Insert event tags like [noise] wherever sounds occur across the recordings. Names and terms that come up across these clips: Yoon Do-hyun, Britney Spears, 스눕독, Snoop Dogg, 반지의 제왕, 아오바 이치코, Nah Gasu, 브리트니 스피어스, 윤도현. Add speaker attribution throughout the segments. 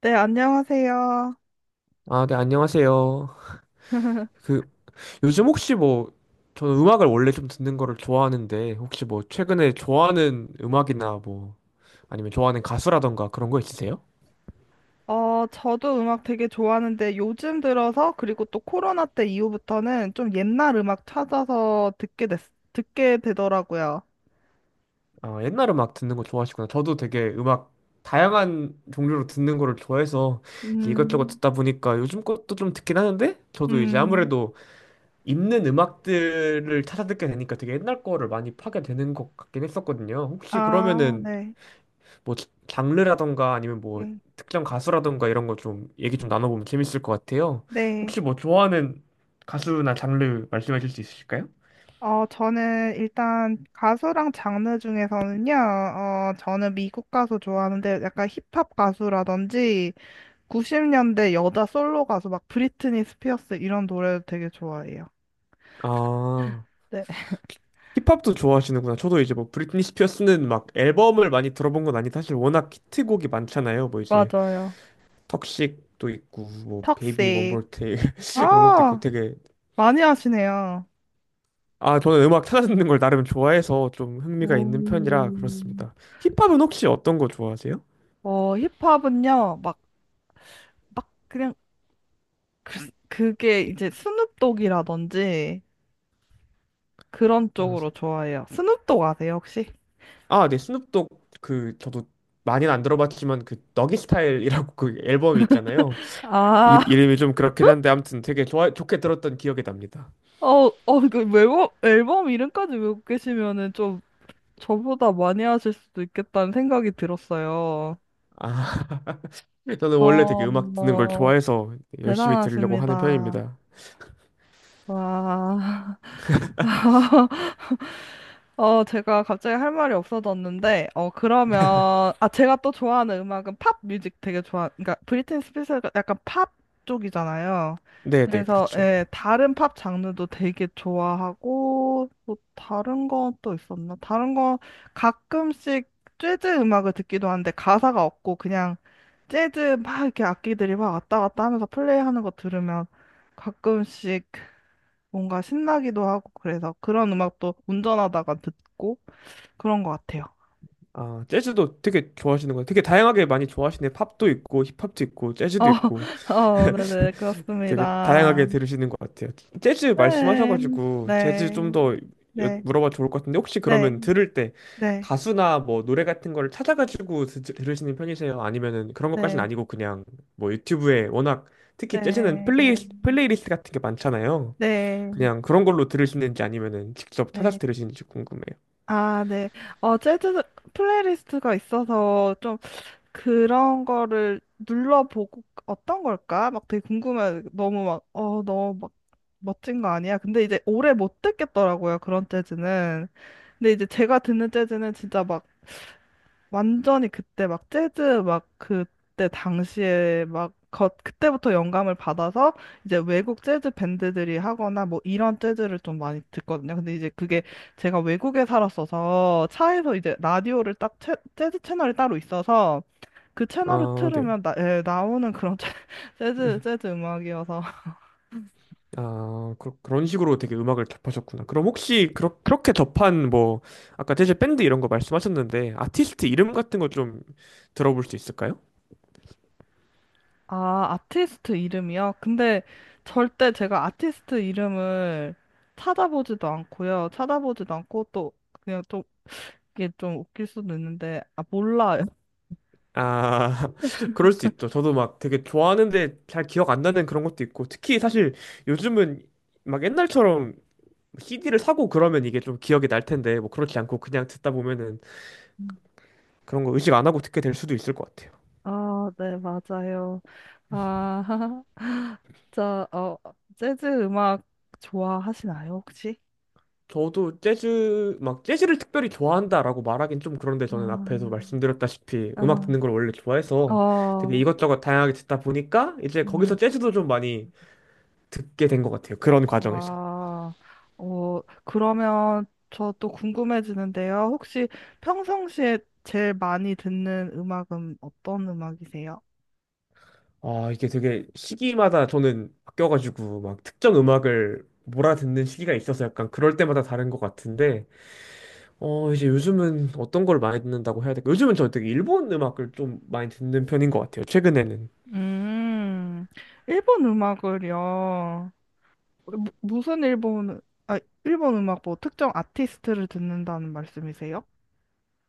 Speaker 1: 네, 안녕하세요.
Speaker 2: 아, 네, 안녕하세요. 그, 요즘 혹시 뭐, 저는 음악을 원래 좀 듣는 거를 좋아하는데, 혹시 뭐, 최근에 좋아하는 음악이나 뭐, 아니면 좋아하는 가수라던가 그런 거 있으세요?
Speaker 1: 저도 음악 되게 좋아하는데 요즘 들어서 그리고 또 코로나 때 이후부터는 좀 옛날 음악 찾아서 듣게 되더라고요.
Speaker 2: 아, 옛날 음악 듣는 거 좋아하시구나. 저도 되게 음악, 다양한 종류로 듣는 거를 좋아해서 이 이것저것
Speaker 1: 음,
Speaker 2: 듣다 보니까 요즘 것도 좀 듣긴 하는데, 저도 이제
Speaker 1: 음,
Speaker 2: 아무래도 있는 음악들을 찾아 듣게 되니까 되게 옛날 거를 많이 파게 되는 것 같긴 했었거든요. 혹시
Speaker 1: 아,
Speaker 2: 그러면은,
Speaker 1: 네.
Speaker 2: 뭐 장르라던가 아니면 뭐
Speaker 1: 네.
Speaker 2: 특정 가수라던가 이런 거 좀 얘기 좀 나눠보면 재밌을 것 같아요.
Speaker 1: 네.
Speaker 2: 혹시 뭐 좋아하는 가수나 장르 말씀해 주실 수 있으실까요?
Speaker 1: 저는 일단 가수랑 장르 중에서는요, 저는 미국 가수 좋아하는데 약간 힙합 가수라든지 90년대 여자 솔로 가수 막 브리트니 스피어스 이런 노래도 되게 좋아해요.
Speaker 2: 아,
Speaker 1: 네, [laughs]
Speaker 2: 힙합도 좋아하시는구나. 저도 이제 뭐 브리트니 스피어스는 막 앨범을 많이 들어본 건 아닌데 사실 워낙 히트곡이 많잖아요. 뭐 이제
Speaker 1: 맞아요.
Speaker 2: 턱식도 있고 뭐 베이비
Speaker 1: 턱색.
Speaker 2: 원more 테일 [laughs] 이런 것도 있고
Speaker 1: 아,
Speaker 2: 되게.
Speaker 1: 많이 하시네요.
Speaker 2: 아 저는 음악 찾아듣는 걸 나름 좋아해서 좀 흥미가 있는 편이라
Speaker 1: 음.
Speaker 2: 그렇습니다. 힙합은 혹시 어떤 거 좋아하세요?
Speaker 1: 힙합은요, 막, 막, 그냥, 그, 그게 이제 스눕독이라든지 그런
Speaker 2: 아,
Speaker 1: 쪽으로 좋아해요. 스눕독 아세요, 혹시?
Speaker 2: 아, 네, 스눕독 그 저도 많이는 안 들어봤지만 그 너기 스타일이라고 그 앨범이 있잖아요. 이,
Speaker 1: 아, [laughs]
Speaker 2: 이름이 좀 그렇긴 한데 아무튼 되게 좋아 좋게 들었던 기억이 납니다.
Speaker 1: 어, 그 앨범 이름까지 외우고 계시면은 좀 저보다 많이 하실 수도 있겠다는 생각이 들었어요.
Speaker 2: 아, [laughs] 저는 원래
Speaker 1: 어,
Speaker 2: 되게 음악 듣는 걸
Speaker 1: 어,
Speaker 2: 좋아해서 열심히 들으려고 하는
Speaker 1: 대단하십니다.
Speaker 2: 편입니다.
Speaker 1: 와. [laughs] 제가 갑자기 할 말이 없어졌는데, 그러면, 아, 제가 또 좋아하는 음악은 팝 뮤직 되게 그러니까 브리트니 스피어스가 약간 팝 쪽이잖아요.
Speaker 2: 네, 네,
Speaker 1: 그래서,
Speaker 2: 그렇죠.
Speaker 1: 예, 다른 팝 장르도 되게 좋아하고, 뭐, 다른 건 또 있었나? 다른 건 가끔씩 재즈 음악을 듣기도 하는데, 가사가 없고, 그냥 재즈 막 이렇게 악기들이 막 왔다 갔다 하면서 플레이하는 거 들으면 가끔씩 뭔가 신나기도 하고 그래서 그런 음악도 운전하다가 듣고 그런 것 같아요.
Speaker 2: 아, 재즈도 되게 좋아하시는 거예요. 되게 다양하게 많이 좋아하시네. 팝도 있고 힙합도 있고
Speaker 1: 어,
Speaker 2: 재즈도 있고.
Speaker 1: [laughs] 네네,
Speaker 2: 되게
Speaker 1: 그렇습니다.
Speaker 2: 다양하게 들으시는 것 같아요. 재즈
Speaker 1: 네,
Speaker 2: 말씀하셔가지고 재즈 좀
Speaker 1: 네,
Speaker 2: 더
Speaker 1: 네,
Speaker 2: 물어봐 좋을 것 같은데 혹시
Speaker 1: 네,
Speaker 2: 그러면 들을 때
Speaker 1: 네,
Speaker 2: 가수나 뭐 노래 같은 걸 찾아가지고 들으시는 편이세요? 아니면은 그런 것까지는
Speaker 1: 네,
Speaker 2: 아니고 그냥 뭐 유튜브에 워낙 특히 재즈는
Speaker 1: 네, 네,
Speaker 2: 플레이리스트 같은 게 많잖아요.
Speaker 1: 네.
Speaker 2: 그냥 그런 걸로 들으시는지 아니면은 직접 찾아서
Speaker 1: 네.
Speaker 2: 들으시는지 궁금해요.
Speaker 1: 아, 네. 재즈 플레이리스트가 있어서 좀 그런 거를 눌러보고 어떤 걸까? 막 되게 궁금해. 너무 막, 너무 막 멋진 거 아니야? 근데 이제 오래 못 듣겠더라고요, 그런 재즈는. 근데 이제 제가 듣는 재즈는 진짜 막 완전히 그때 막 재즈 막 그때 당시에 막 그때부터 영감을 받아서 이제 외국 재즈 밴드들이 하거나 뭐 이런 재즈를 좀 많이 듣거든요. 근데 이제 그게 제가 외국에 살았어서 차에서 이제 라디오를 딱 재즈 채널이 따로 있어서 그 채널을
Speaker 2: 아, 네.
Speaker 1: 틀으면 예, 나오는 그런 [laughs] 재즈
Speaker 2: 음.
Speaker 1: 재즈 음악이어서
Speaker 2: 아, 그런 식으로 되게 음악을 접하셨구나. 그럼 혹시 그렇게 접한 뭐 아까 재즈 밴드 이런 거 말씀하셨는데 아티스트 이름 같은 거 좀 들어볼 수 있을까요?
Speaker 1: 아, 아티스트 이름이요? 근데 절대 제가 아티스트 이름을 찾아보지도 않고요. 찾아보지도 않고 또 그냥 좀 이게 좀 웃길 수도 있는데 아, 몰라요.
Speaker 2: 아, [laughs] 그럴 수 있죠. 저도 막 되게 좋아하는데 잘 기억 안 나는 그런 것도 있고 특히 사실 요즘은 막 옛날처럼 CD를 사고 그러면 이게 좀 기억이 날 텐데 뭐 그렇지 않고 그냥 듣다 보면은 그런 거 의식 안 하고 듣게 될 수도 있을 것 같아요.
Speaker 1: 아, 네, 맞아요. 아, [laughs] 진짜 재즈 음악 좋아하시나요, 혹시?
Speaker 2: 저도 재즈, 막 재즈를 특별히 좋아한다라고 말하긴 좀 그런데 저는 앞에서
Speaker 1: 아,
Speaker 2: 말씀드렸다시피 음악
Speaker 1: 아,
Speaker 2: 듣는 걸 원래 좋아해서 되게
Speaker 1: 어,
Speaker 2: 이것저것 다양하게 듣다 보니까 이제 거기서
Speaker 1: 음.
Speaker 2: 재즈도 좀 많이 듣게 된 것 같아요. 그런 과정에서.
Speaker 1: 와, 그러면 저 또 궁금해지는데요. 혹시 평상시에 제일 많이 듣는 음악은 어떤 음악이세요?
Speaker 2: 아, 이게 되게 시기마다 저는 바뀌어가지고 막 특정 음악을 몰아듣는 시기가 있어서 약간 그럴 때마다 다른 것 같은데, 이제 요즘은 어떤 걸 많이 듣는다고 해야 될까? 요즘은 저 되게 일본 음악을 좀 많이 듣는 편인 것 같아요. 최근에는.
Speaker 1: 음, 일본 음악을요? 무슨 일본, 아, 일본 음악 뭐 특정 아티스트를 듣는다는 말씀이세요?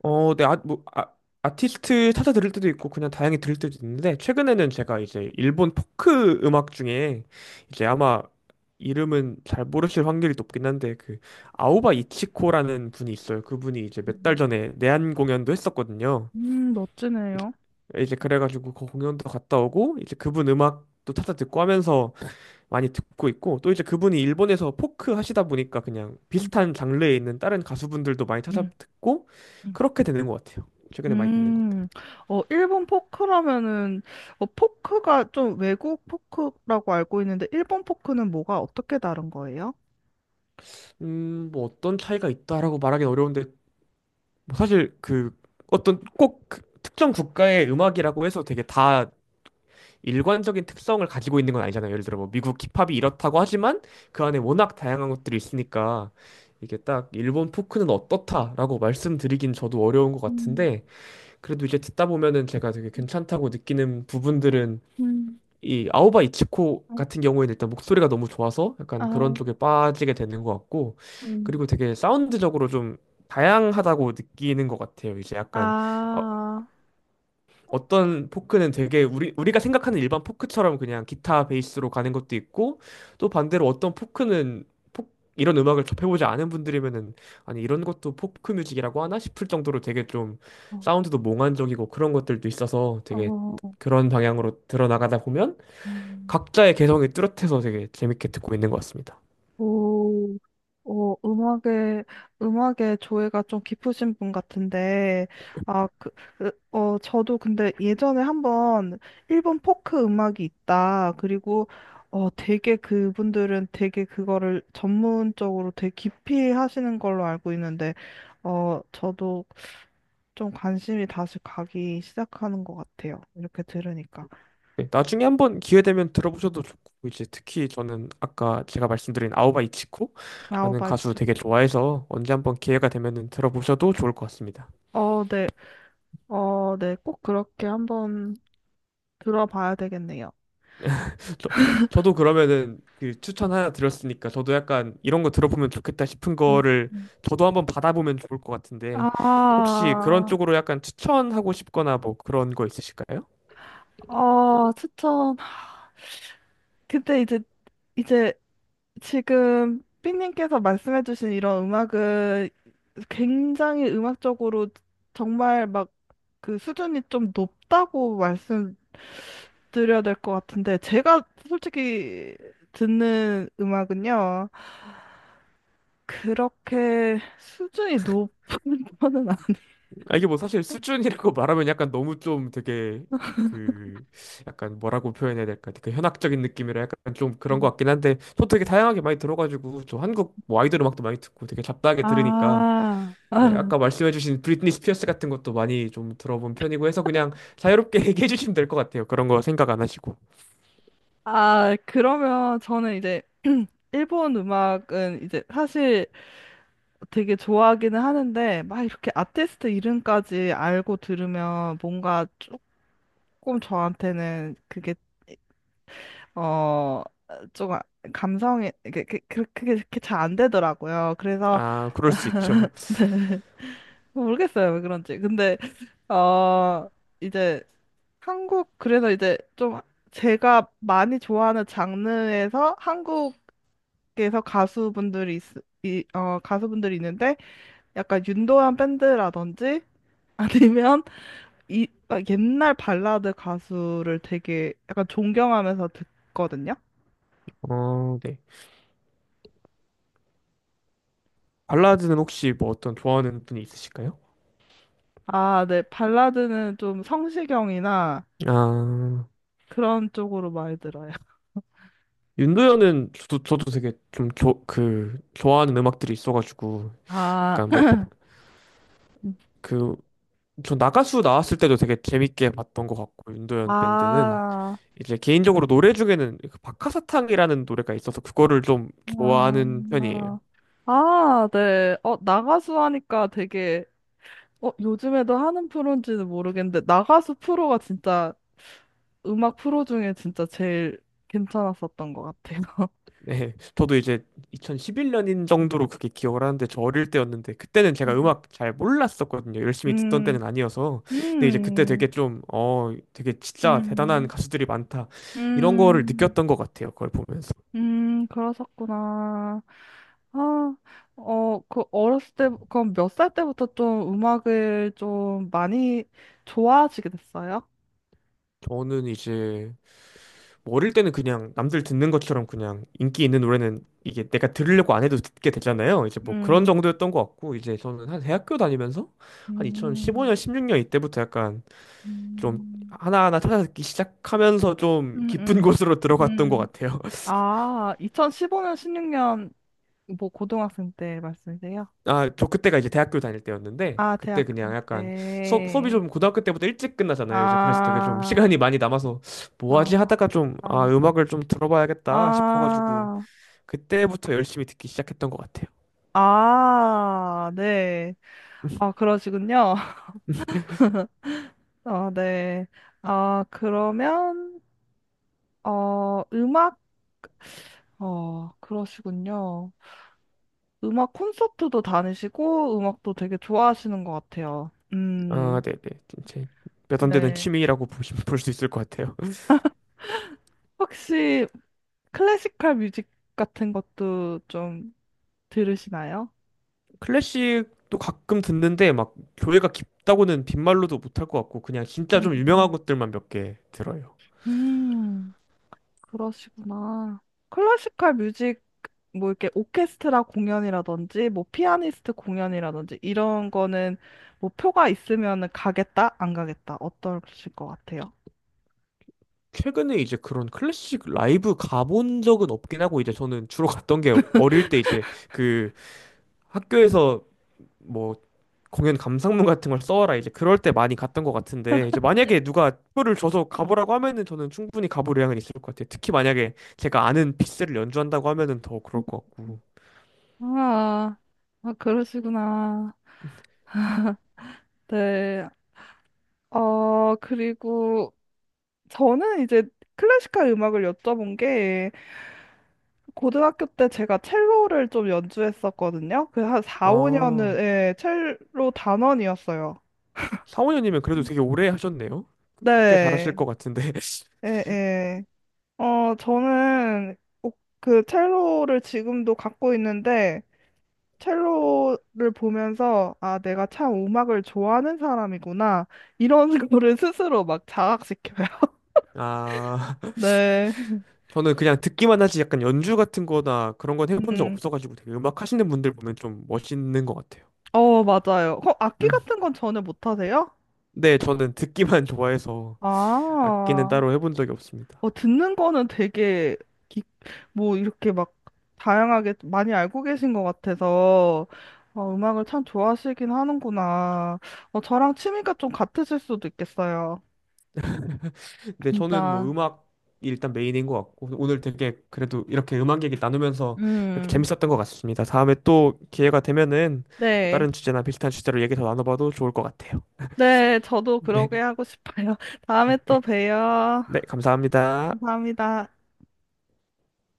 Speaker 2: 어, 네, 아, 뭐, 아, 아티스트 찾아 들을 때도 있고 그냥 다양히 들을 때도 있는데 최근에는 제가 이제 일본 포크 음악 중에 이제 아마 이름은 잘 모르실 확률이 높긴 한데 그 아오바 이치코라는 분이 있어요. 그분이 이제 몇 달
Speaker 1: 음,
Speaker 2: 전에 내한 공연도 했었거든요.
Speaker 1: 멋지네요.
Speaker 2: 이제 그래가지고 그 공연도 갔다 오고 이제 그분 음악도 찾아 듣고 하면서 많이 듣고 있고 또 이제 그분이 일본에서 포크 하시다 보니까 그냥
Speaker 1: 음.
Speaker 2: 비슷한 장르에 있는 다른 가수분들도 많이 찾아 듣고
Speaker 1: 음.
Speaker 2: 그렇게 되는 것 같아요. 최근에 많이 듣는 것들.
Speaker 1: 음, 일본 포크라면은, 포크가 좀 외국 포크라고 알고 있는데, 일본 포크는 뭐가 어떻게 다른 거예요?
Speaker 2: 뭐 어떤 차이가 있다라고 말하기는 어려운데 뭐 사실 그 어떤 꼭그 특정 국가의 음악이라고 해서 되게 다 일관적인 특성을 가지고 있는 건 아니잖아요. 예를 들어 뭐 미국 힙합이 이렇다고 하지만 그 안에 워낙 다양한 것들이 있으니까 이게 딱 일본 포크는 어떻다라고 말씀드리긴 저도 어려운 것
Speaker 1: 음,
Speaker 2: 같은데 그래도 이제 듣다 보면은 제가 되게 괜찮다고 느끼는 부분들은
Speaker 1: 음,
Speaker 2: 이 아오바 이치코 같은 경우에는 일단 목소리가 너무 좋아서
Speaker 1: 아,
Speaker 2: 약간 그런 쪽에 빠지게 되는 것 같고
Speaker 1: 음,
Speaker 2: 그리고 되게 사운드적으로 좀 다양하다고 느끼는 것 같아요. 이제 약간
Speaker 1: 아,
Speaker 2: 어떤 포크는 되게 우리가 생각하는 일반 포크처럼 그냥 기타 베이스로 가는 것도 있고 또 반대로 어떤 포크는 포- 이런 음악을 접해보지 않은 분들이면은 아니 이런 것도 포크 뮤직이라고 하나 싶을 정도로 되게 좀
Speaker 1: 어,
Speaker 2: 사운드도 몽환적이고 그런 것들도 있어서 되게
Speaker 1: 어,
Speaker 2: 그런 방향으로 들어나가다 보면
Speaker 1: 음.
Speaker 2: 각자의 개성이 뚜렷해서 되게 재밌게 듣고 있는 것 같습니다.
Speaker 1: 오, 음악에, 음악에 조예가 좀 깊으신 분 같은데, 아, 그, 으, 저도 근데 예전에 한번 일본 포크 음악이 있다. 그리고, 되게 그분들은 되게 그거를 전문적으로 되게 깊이 하시는 걸로 알고 있는데, 저도 좀 관심이 다시 가기 시작하는 것 같아요. 이렇게 들으니까.
Speaker 2: 네, 나중에 한번 기회 되면 들어보셔도 좋고 이제 특히 저는 아까 제가 말씀드린 아오바 이치코라는 가수
Speaker 1: 아우바이트.
Speaker 2: 되게 좋아해서 언제 한번 기회가 되면은 들어보셔도 좋을 것 같습니다.
Speaker 1: 네. 네. 꼭 그렇게 한번 들어봐야 되겠네요.
Speaker 2: 저, 저도 그러면은 그 추천 하나 드렸으니까 저도 약간 이런 거 들어보면 좋겠다 싶은
Speaker 1: 음,
Speaker 2: 거를
Speaker 1: 음.
Speaker 2: 저도 한번 받아보면 좋을 것 같은데 혹시 그런
Speaker 1: 아,
Speaker 2: 쪽으로 약간 추천하고 싶거나 뭐 그런 거 있으실까요?
Speaker 1: 추천. 근데 이제, 이제 지금 삐님께서 말씀해주신 이런 음악은 굉장히 음악적으로 정말 막 그 수준이 좀 높다고 말씀드려야 될 것 같은데, 제가 솔직히 듣는 음악은요, 그렇게 수준이 높은 [laughs] 편은 아니에요.
Speaker 2: 아, 이게 뭐 사실 수준이라고 [laughs] 말하면 약간 너무 좀 되게 그 약간 뭐라고 표현해야 될까? 그 현학적인 느낌이라 약간 좀 그런 것 같긴 한데 저 되게 다양하게 많이 들어가지고 저 한국 뭐 아이돌 음악도 많이 듣고 되게 잡다하게 들으니까
Speaker 1: 아,
Speaker 2: 예,
Speaker 1: 아,
Speaker 2: 아까 말씀해주신 브리트니 스피어스 같은 것도 많이 좀 들어본 편이고 해서 그냥 자유롭게 [laughs] 얘기해 주시면 될 것 같아요. 그런 거 생각 안 하시고.
Speaker 1: 아, 그러면 저는 이제 [clears throat] 일본 음악은 이제 사실 되게 좋아하기는 하는데 막 이렇게 아티스트 이름까지 알고 들으면 뭔가 조금 저한테는 그게 어 조금 감성이 게 그게 잘 안 되더라고요. 그래서
Speaker 2: 아 그럴 수 있죠.
Speaker 1: [laughs] 모르겠어요 왜 그런지. 근데 어 이제 한국 그래서 이제 좀 제가 많이 좋아하는 장르에서 그래서 가수분들이 있, 이, 어, 가수분들이 있는데 약간 윤도현 밴드라든지 [laughs] 아니면 옛날 발라드 가수를 되게 약간 존경하면서 듣거든요.
Speaker 2: 어, 네. 발라드는 혹시 뭐 어떤 좋아하는 분이 있으실까요?
Speaker 1: 아, 네. 발라드는 좀 성시경이나
Speaker 2: 아.
Speaker 1: 그런 쪽으로 많이 들어요.
Speaker 2: 윤도현은 저도 되게 좀 좋아하는 음악들이 있어가지고,
Speaker 1: 아,
Speaker 2: 약간 뭐,
Speaker 1: [laughs]
Speaker 2: 그, 저 나가수 나왔을 때도 되게 재밌게 봤던 것 같고, 윤도현 밴드는.
Speaker 1: 아,
Speaker 2: 이제 개인적으로 노래 중에는 그 박하사탕이라는 노래가 있어서 그거를 좀
Speaker 1: 아,
Speaker 2: 좋아하는 편이에요.
Speaker 1: 아, 네. 나가수 하니까 되게 요즘에도 하는 프로인지는 모르겠는데, 나가수 프로가 진짜 음악 프로 중에 진짜 제일 괜찮았었던 것 같아요.
Speaker 2: 네, 저도 이제 2011년인 정도로 그게 기억을 하는데 저 어릴 때였는데 그때는 제가 음악
Speaker 1: [laughs]
Speaker 2: 잘 몰랐었거든요. 열심히 듣던
Speaker 1: 음.
Speaker 2: 때는 아니어서.
Speaker 1: 음,
Speaker 2: 근데 이제 그때 되게
Speaker 1: 음,
Speaker 2: 좀, 어, 되게 진짜 대단한
Speaker 1: 음,
Speaker 2: 가수들이 많다. 이런 거를
Speaker 1: 음,
Speaker 2: 느꼈던 것 같아요. 그걸 보면서.
Speaker 1: 그러셨구나. 아, 그 어렸을 때, 그럼 몇 살 때부터 좀 음악을 좀 많이 좋아하시게 됐어요?
Speaker 2: 저는 이제 뭐 어릴 때는 그냥 남들 듣는 것처럼 그냥 인기 있는 노래는 이게 내가 들으려고 안 해도 듣게 되잖아요. 이제 뭐 그런
Speaker 1: 음,
Speaker 2: 정도였던 것 같고 이제 저는 한 대학교 다니면서 한 2015년,
Speaker 1: 음,
Speaker 2: 16년 이때부터 약간 좀
Speaker 1: 음,
Speaker 2: 하나하나 찾아듣기 시작하면서 좀
Speaker 1: 음,
Speaker 2: 깊은 [laughs]
Speaker 1: 음.
Speaker 2: 곳으로 들어갔던 것
Speaker 1: 음.
Speaker 2: 같아요. [laughs]
Speaker 1: 아, 2015년, 16년, 뭐, 고등학생 때 말씀이세요?
Speaker 2: 아, 저 그때가 이제 대학교 다닐 때였는데
Speaker 1: 아,
Speaker 2: 그때 그냥
Speaker 1: 대학생
Speaker 2: 약간
Speaker 1: 때.
Speaker 2: 수업이 좀 고등학교 때부터 일찍 끝나잖아요. 이제 그래서 되게 좀
Speaker 1: 아,
Speaker 2: 시간이 많이 남아서 뭐 하지
Speaker 1: 아,
Speaker 2: 하다가 좀 아,
Speaker 1: 아,
Speaker 2: 음악을 좀 들어봐야겠다 싶어가지고
Speaker 1: 아,
Speaker 2: 그때부터 열심히 듣기 시작했던 것 같아요.
Speaker 1: 아, 네. 아, 그러시군요. [laughs] 네. 아, 그러면, 어, 음악, 그러시군요. 음악 콘서트도 다니시고, 음악도 되게 좋아하시는 것 같아요.
Speaker 2: 아, 네네. 제 몇 안 되는
Speaker 1: 네.
Speaker 2: 취미라고 볼 수 있을 것 같아요.
Speaker 1: 혹시 클래시컬 뮤직 같은 것도 좀 들으시나요?
Speaker 2: [laughs] 클래식도 가끔 듣는데 막 교회가 깊다고는 빈말로도 못 할 것 같고 그냥 진짜 좀 유명한
Speaker 1: 음.
Speaker 2: 것들만 몇 개 들어요.
Speaker 1: 음, 그러시구나. 클래시컬 뮤직, 뭐 이렇게 오케스트라 공연이라든지, 뭐 피아니스트 공연이라든지, 이런 거는 뭐 표가 있으면은 가겠다, 안 가겠다, 어떠실 것 같아요?
Speaker 2: 최근에 이제 그런 클래식 라이브 가본 적은 없긴 하고 이제 저는 주로 갔던 게 어릴 때 이제 그 학교에서 뭐 공연 감상문 같은 걸 써와라 이제 그럴 때 많이 갔던 것 같은데 이제 만약에 누가 표를 줘서 가보라고 하면은 저는 충분히 가볼 의향은 있을 것 같아요. 특히 만약에 제가 아는 피스를 연주한다고 하면은 더 그럴 것 같고.
Speaker 1: 아, 아, 그러시구나. 네. 그리고 저는 이제 클래시컬 음악을 여쭤본 게, 고등학교 때 제가 첼로를 좀 연주했었거든요. 그 한 4, 5년은
Speaker 2: 아,
Speaker 1: 예, 첼로 단원이었어요.
Speaker 2: 사원현님은 그래도 되게 오래 하셨네요. 꽤 잘하실
Speaker 1: 네.
Speaker 2: 것 같은데. [laughs]
Speaker 1: 예, 예. 저는 꼭 그 첼로를 지금도 갖고 있는데 첼로를 보면서 아, 내가 참 음악을 좋아하는 사람이구나. 이런 [laughs] 거를 스스로 막 자각시켜요.
Speaker 2: 아.
Speaker 1: 네.
Speaker 2: 저는 그냥 듣기만 하지 약간 연주 같은 거나 그런 건 해본 적
Speaker 1: 음.
Speaker 2: 없어가지고 되게 음악 하시는 분들 보면 좀 멋있는 것 같아요.
Speaker 1: 맞아요. 악기
Speaker 2: 음.
Speaker 1: 같은 건 전혀 못 하세요?
Speaker 2: 네, 저는 듣기만 [laughs] 좋아해서 악기는
Speaker 1: 아.
Speaker 2: 따로 해본 적이 없습니다.
Speaker 1: 듣는 거는 되게, 기, 뭐, 이렇게 막, 다양하게 많이 알고 계신 것 같아서, 음악을 참 좋아하시긴 하는구나. 저랑 취미가 좀 같으실 수도 있겠어요.
Speaker 2: 근데 저는 뭐
Speaker 1: 진짜.
Speaker 2: 음악이 일단 메인인 것 같고 오늘 되게 그래도 이렇게 음악 얘기 나누면서 이렇게
Speaker 1: 음,
Speaker 2: 재밌었던 것 같습니다. 다음에 또 기회가 되면은 뭐
Speaker 1: 네.
Speaker 2: 다른 주제나 비슷한 주제로 얘기 더 나눠봐도 좋을 것 같아요.
Speaker 1: 네, 저도 그러게 하고
Speaker 2: [laughs]
Speaker 1: 싶어요. [laughs]
Speaker 2: 네,
Speaker 1: 다음에 또
Speaker 2: 네,
Speaker 1: 봬요.
Speaker 2: 네, 감사합니다.
Speaker 1: 감사합니다.